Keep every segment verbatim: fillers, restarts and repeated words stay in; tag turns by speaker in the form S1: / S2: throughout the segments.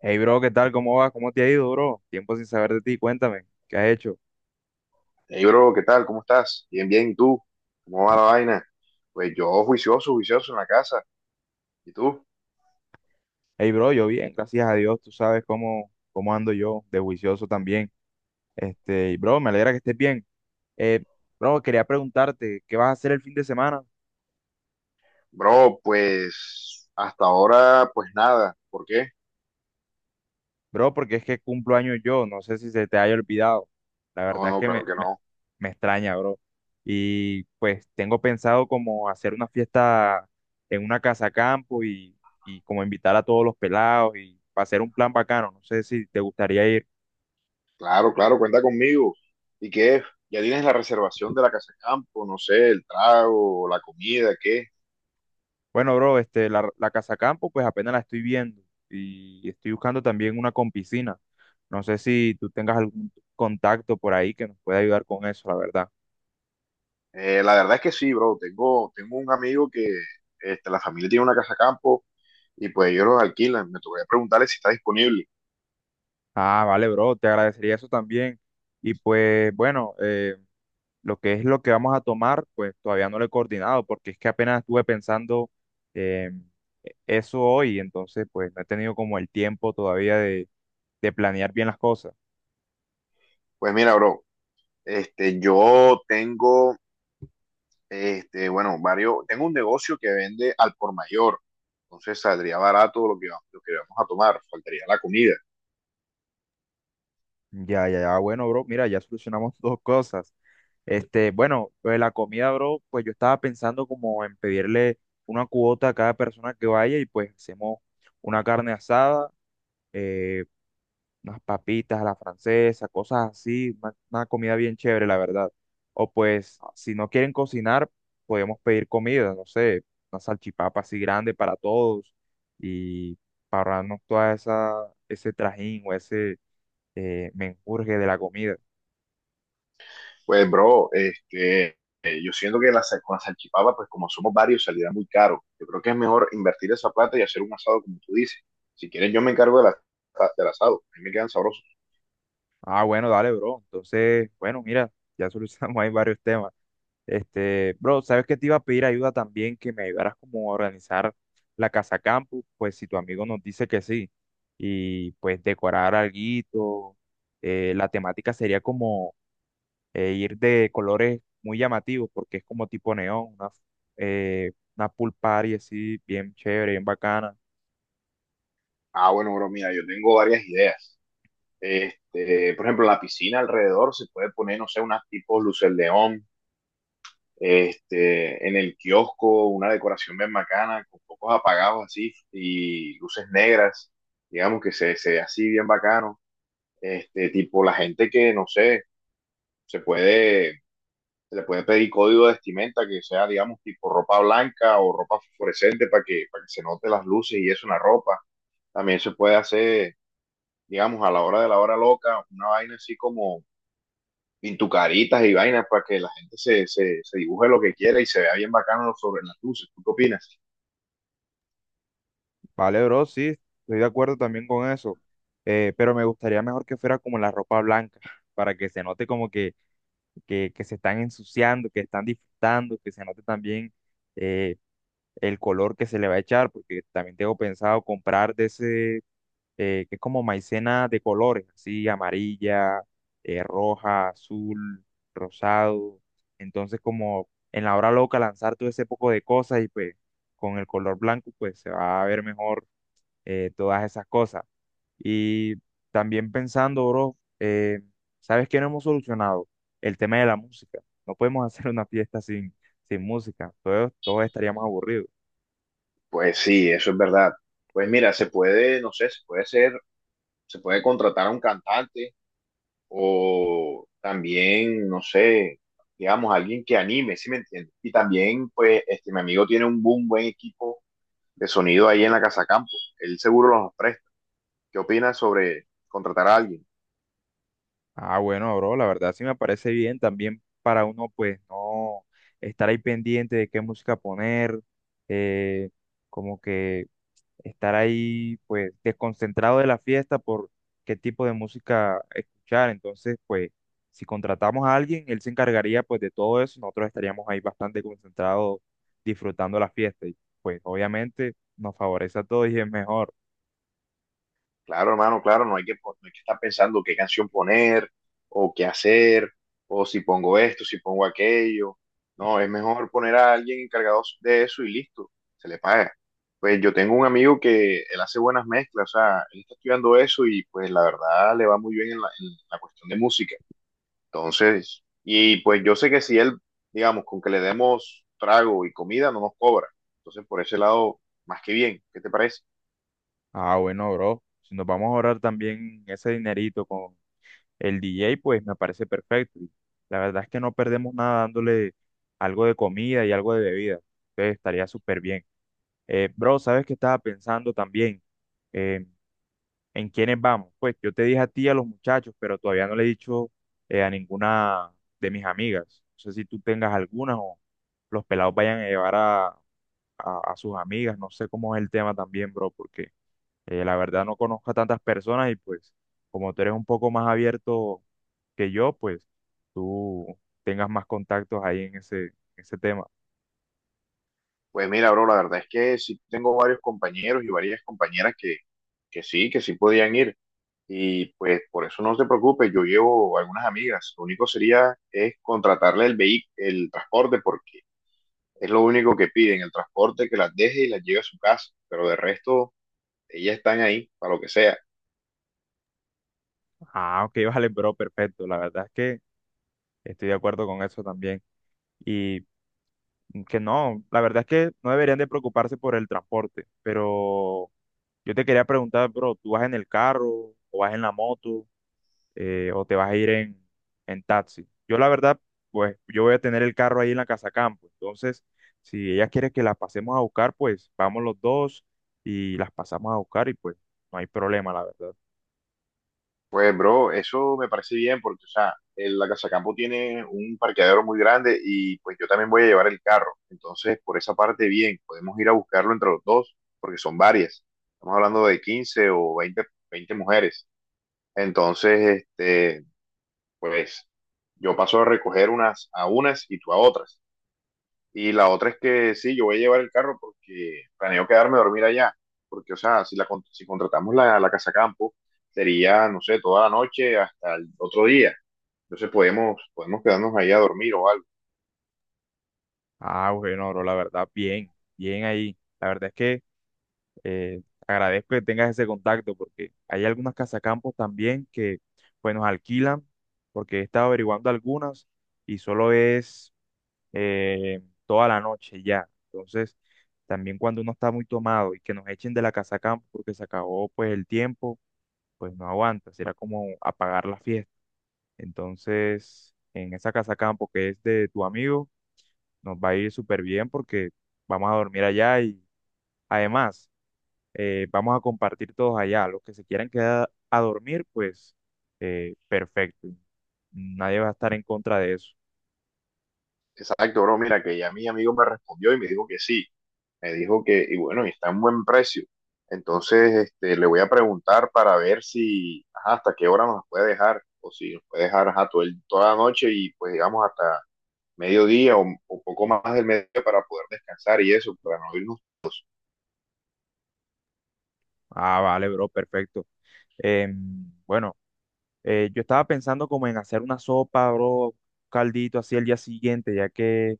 S1: Hey bro, ¿qué tal? ¿Cómo vas? ¿Cómo te ha ido, bro? Tiempo sin saber de ti, cuéntame, ¿qué has hecho?
S2: Hey, bro, ¿qué tal? ¿Cómo estás? Bien, bien. ¿Y tú? ¿Cómo va la vaina? Pues yo juicioso, juicioso en la casa. ¿Y tú?
S1: Hey bro, yo bien, gracias a Dios, tú sabes cómo, cómo ando yo, de juicioso también. Este, y bro, me alegra que estés bien. Eh, Bro, quería preguntarte, ¿qué vas a hacer el fin de semana?
S2: Bro, pues hasta ahora, pues nada. ¿Por qué?
S1: Bro, porque es que cumplo años yo, no sé si se te haya olvidado. La
S2: No,
S1: verdad es
S2: no,
S1: que me,
S2: claro que
S1: me-
S2: no.
S1: me extraña, bro. Y pues tengo pensado como hacer una fiesta en una casa campo y, y como invitar a todos los pelados y para hacer un plan bacano. No sé si te gustaría ir.
S2: Claro, claro, cuenta conmigo. ¿Y qué? ¿Ya tienes la reservación de la casa de campo? No sé, el trago, la comida, ¿qué?
S1: Bueno, bro, este, la, la casa campo pues apenas la estoy viendo y estoy buscando también una con piscina. No sé si tú tengas algún contacto por ahí que nos pueda ayudar con eso, la verdad.
S2: Eh, la verdad es que sí, bro. Tengo, tengo un amigo que este, la familia tiene una casa de campo y pues ellos los alquilan. Me tocaría preguntarle si está disponible.
S1: Ah, vale, bro, te agradecería eso también. Y pues bueno, eh, lo que es lo que vamos a tomar, pues todavía no lo he coordinado porque es que apenas estuve pensando eh, eso hoy, entonces pues no he tenido como el tiempo todavía de, de planear bien las cosas.
S2: Pues mira, bro, este, yo tengo... Este, bueno, varios, tengo un negocio que vende al por mayor, entonces saldría barato lo que, va- lo que vamos a tomar, faltaría la comida.
S1: Ya, ya, ya, bueno, bro, mira, ya solucionamos dos cosas. Este, bueno, lo de la comida, bro, pues yo estaba pensando como en pedirle una cuota a cada persona que vaya y pues hacemos una carne asada. eh, Unas papitas a la francesa, cosas así, una, una comida bien chévere, la verdad. O pues, si no quieren cocinar, podemos pedir comida, no sé, una salchipapa así grande para todos y para ahorrarnos toda esa, ese trajín o ese eh, menjurje de la comida.
S2: Pues, bro, este, eh, yo siento que la, sa- con la salchipapa, pues como somos varios, saldrá muy caro. Yo creo que es mejor invertir esa plata y hacer un asado, como tú dices. Si quieres, yo me encargo de la- del asado, a mí me quedan sabrosos.
S1: Ah, bueno, dale, bro. Entonces, bueno, mira, ya solucionamos ahí varios temas. Este, bro, sabes que te iba a pedir ayuda también, que me ayudaras como a organizar la casa campus, pues si tu amigo nos dice que sí, y pues decorar alguito, eh, la temática sería como eh, ir de colores muy llamativos, porque es como tipo neón, una, eh, una pool party así, bien chévere, bien bacana.
S2: Ah, bueno, bro, mira, yo tengo varias ideas. Este, por ejemplo, la piscina alrededor se puede poner, no sé, unas tipo luces león este, en el kiosco, una decoración bien bacana, con focos apagados así y luces negras, digamos que se, se ve así bien bacano. Este, tipo la gente que, no sé, se puede, se le puede pedir código de vestimenta que sea, digamos, tipo ropa blanca o ropa fluorescente para que, para que se note las luces y eso en la ropa. También se puede hacer, digamos, a la hora de la hora loca, una vaina así como pintucaritas y vainas para que la gente se, se, se dibuje lo que quiera y se vea bien bacano sobre las luces. ¿Tú qué opinas?
S1: Vale, bro, sí, estoy de acuerdo también con eso, eh, pero me gustaría mejor que fuera como la ropa blanca, para que se note como que que, que se están ensuciando, que están disfrutando, que se note también eh, el color que se le va a echar, porque también tengo pensado comprar de ese, eh, que es como maicena de colores, así amarilla, eh, roja, azul, rosado. Entonces, como en la hora loca lanzar todo ese poco de cosas y pues con el color blanco, pues se va a ver mejor eh, todas esas cosas. Y también pensando, bro, eh, ¿sabes qué no hemos solucionado? El tema de la música. No podemos hacer una fiesta sin, sin música. Todos, todos estaríamos aburridos.
S2: Pues sí, eso es verdad. Pues mira, se puede, no sé, se puede ser, se puede contratar a un cantante o también, no sé, digamos, alguien que anime, ¿sí me entiendes? Y también, pues, este, mi amigo tiene un buen, buen equipo de sonido ahí en la Casa Campo. Él seguro los presta. ¿Qué opinas sobre contratar a alguien?
S1: Ah, bueno, bro, la verdad sí me parece bien también para uno, pues, no estar ahí pendiente de qué música poner, eh, como que estar ahí pues desconcentrado de la fiesta por qué tipo de música escuchar. Entonces, pues si contratamos a alguien, él se encargaría pues de todo eso, nosotros estaríamos ahí bastante concentrados disfrutando la fiesta y pues obviamente nos favorece a todos y es mejor.
S2: Claro, hermano, claro, no hay que, pon- no hay que estar pensando qué canción poner o qué hacer, o si pongo esto, si pongo aquello. No, es mejor poner a alguien encargado de eso y listo, se le paga. Pues yo tengo un amigo que él hace buenas mezclas, o sea, él está estudiando eso y pues la verdad le va muy bien en la, en la cuestión de música. Entonces, y pues yo sé que si él, digamos, con que le demos trago y comida, no nos cobra. Entonces, por ese lado, más que bien, ¿qué te parece?
S1: Ah, bueno, bro, si nos vamos a ahorrar también ese dinerito con el D J, pues me parece perfecto. Y la verdad es que no perdemos nada dándole algo de comida y algo de bebida. Entonces estaría súper bien. Eh, bro, ¿sabes qué estaba pensando también? Eh, ¿En quiénes vamos? Pues yo te dije a ti y a los muchachos, pero todavía no le he dicho eh, a ninguna de mis amigas. No sé si tú tengas algunas o los pelados vayan a llevar a, a- a sus amigas. No sé cómo es el tema también, bro, porque eh, la verdad no conozco a tantas personas y pues como tú eres un poco más abierto que yo, pues tú tengas más contactos ahí en ese, ese tema.
S2: Pues mira, bro, la verdad es que sí tengo varios compañeros y varias compañeras que, que sí, que sí podían ir. Y pues por eso no se preocupe, yo llevo algunas amigas. Lo único sería es contratarle el vehi- el transporte, porque es lo único que piden, el transporte que las deje y las lleve a su casa. Pero de resto, ellas están ahí para lo que sea.
S1: Ah, ok, vale, bro, perfecto. La verdad es que estoy de acuerdo con eso también. Y que no, la verdad es que no deberían de preocuparse por el transporte, pero yo te quería preguntar, bro, ¿tú vas en el carro o vas en la moto eh, o te vas a ir en, en taxi? Yo la verdad, pues yo voy a tener el carro ahí en la casa campo, entonces si ella quiere que las pasemos a buscar, pues vamos los dos y las pasamos a buscar y pues no hay problema, la verdad.
S2: Pues, bro, eso me parece bien porque, o sea, el- la Casa Campo tiene un parqueadero muy grande y pues yo también voy a llevar el carro. Entonces, por esa parte, bien, podemos ir a buscarlo entre los dos porque son varias. Estamos hablando de quince o veinte, veinte mujeres. Entonces, este, pues yo paso a recoger unas a unas y tú a otras. Y la otra es que sí, yo voy a llevar el carro porque planeo quedarme a dormir allá. Porque, o sea, si, la, con- si contratamos la, la casa campo, sería, no sé, toda la noche hasta el otro día. Entonces podemos, podemos quedarnos ahí a dormir o algo.
S1: Ah, bueno, bro, la verdad, bien, bien ahí. La verdad es que... Eh, Agradezco que tengas ese contacto porque hay algunas casacampos también que pues nos alquilan porque he estado averiguando algunas y solo es eh, toda la noche ya. Entonces, también cuando uno está muy tomado y que nos echen de la casacampo porque se acabó pues el tiempo, pues no aguanta, será como apagar la fiesta. Entonces, en esa casacampo que es de tu amigo, nos va a ir súper bien porque vamos a dormir allá y además eh, vamos a compartir todos allá. Los que se quieran quedar a dormir, pues eh, perfecto. Nadie va a estar en contra de eso.
S2: Exacto, bro. Mira, que ya mi amigo me respondió y me dijo que sí. Me dijo que, y bueno, y está en buen precio. Entonces, este, le voy a preguntar para ver si, ajá, hasta qué hora nos puede dejar. O si nos puede dejar, ajá, todo el- toda la noche y pues digamos hasta mediodía o, o poco más del mediodía para poder descansar y eso, para no irnos.
S1: Ah, vale, bro, perfecto. Em, bueno. Eh, yo estaba pensando como en hacer una sopa, bro, un caldito así al día siguiente, ya que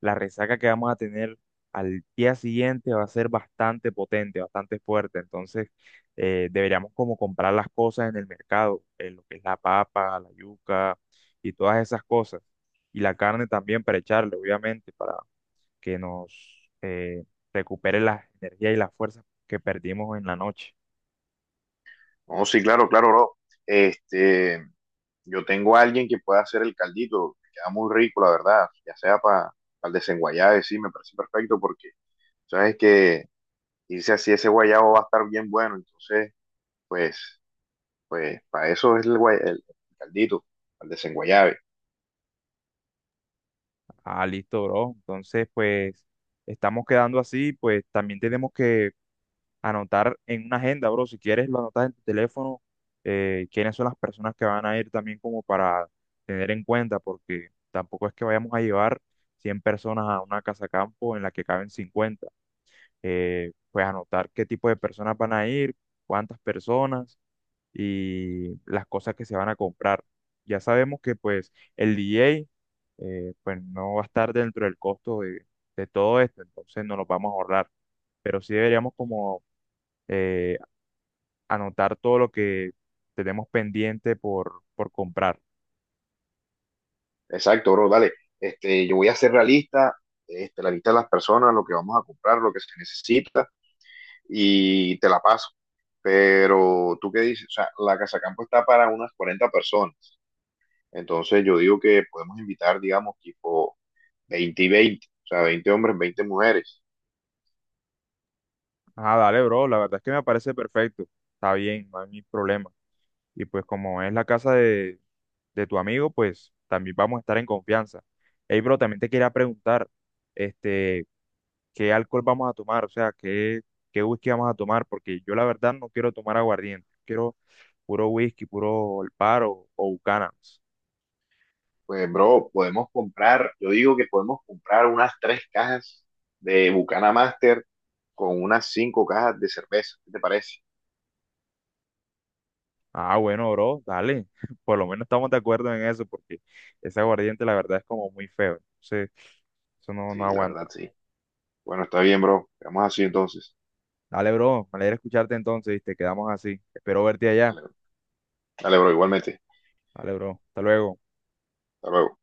S1: la resaca que vamos a tener al día siguiente va a ser bastante potente, bastante fuerte. Entonces, eh, deberíamos como comprar las cosas en el mercado, eh, lo que es la papa, la yuca y todas esas cosas. Y la carne también para echarle, obviamente, para que nos eh, recupere las energías y las fuerzas que perdimos en la noche.
S2: No, sí, claro, claro, bro. Este, yo tengo a alguien que pueda hacer el caldito, que queda muy rico, la verdad, ya sea para el desenguayabe, sí, me parece perfecto porque sabes que irse así ese guayabo va a estar bien bueno, entonces, pues, pues, para eso es el, guay- el- caldito, al desenguayabe.
S1: Ah, listo, bro. Entonces, pues, estamos quedando así, pues también tenemos que anotar en una agenda, bro. Si quieres, lo anotas en tu teléfono, eh, quiénes son las personas que van a ir también como para tener en cuenta, porque tampoco es que vayamos a llevar cien personas a una casa campo en la que caben cincuenta. Eh, pues anotar qué tipo de personas van a ir, cuántas personas y las cosas que se van a comprar. Ya sabemos que pues el D J eh, pues no va a estar dentro del costo de, de todo esto, entonces no los vamos a ahorrar, pero sí deberíamos como eh, anotar todo lo que tenemos pendiente por, por comprar.
S2: Exacto, bro, dale. Este, yo voy a hacer la lista, este, la lista de las personas, lo que vamos a comprar, lo que se necesita, y te la paso. Pero tú qué dices, o sea, la casa campo está para unas cuarenta personas. Entonces yo digo que podemos invitar, digamos, tipo veinte y veinte, o sea, veinte hombres, veinte mujeres.
S1: Ah, dale, bro, la verdad es que me parece perfecto, está bien, no hay ningún problema. Y pues como es la casa de, de tu amigo, pues también vamos a estar en confianza. Hey, bro, también te quería preguntar, este, qué alcohol vamos a tomar, o sea, qué, qué whisky vamos a tomar, porque yo la verdad no quiero tomar aguardiente, quiero puro whisky, puro El Paro o Buchanan's.
S2: Pues, bro, podemos comprar, yo digo que podemos comprar unas tres cajas de Bucana Master con unas cinco cajas de cerveza. ¿Qué te parece?
S1: Ah, bueno, bro, dale, por lo menos estamos de acuerdo en eso, porque ese aguardiente la verdad es como muy feo, entonces eso no, no
S2: Sí, la
S1: aguanta.
S2: verdad, sí. Bueno, está bien, bro. Quedamos así entonces.
S1: Dale, bro, me alegra escucharte entonces, te quedamos así, espero verte allá.
S2: Dale, bro. Dale, bro, igualmente.
S1: Dale, bro, hasta luego.
S2: Hasta luego.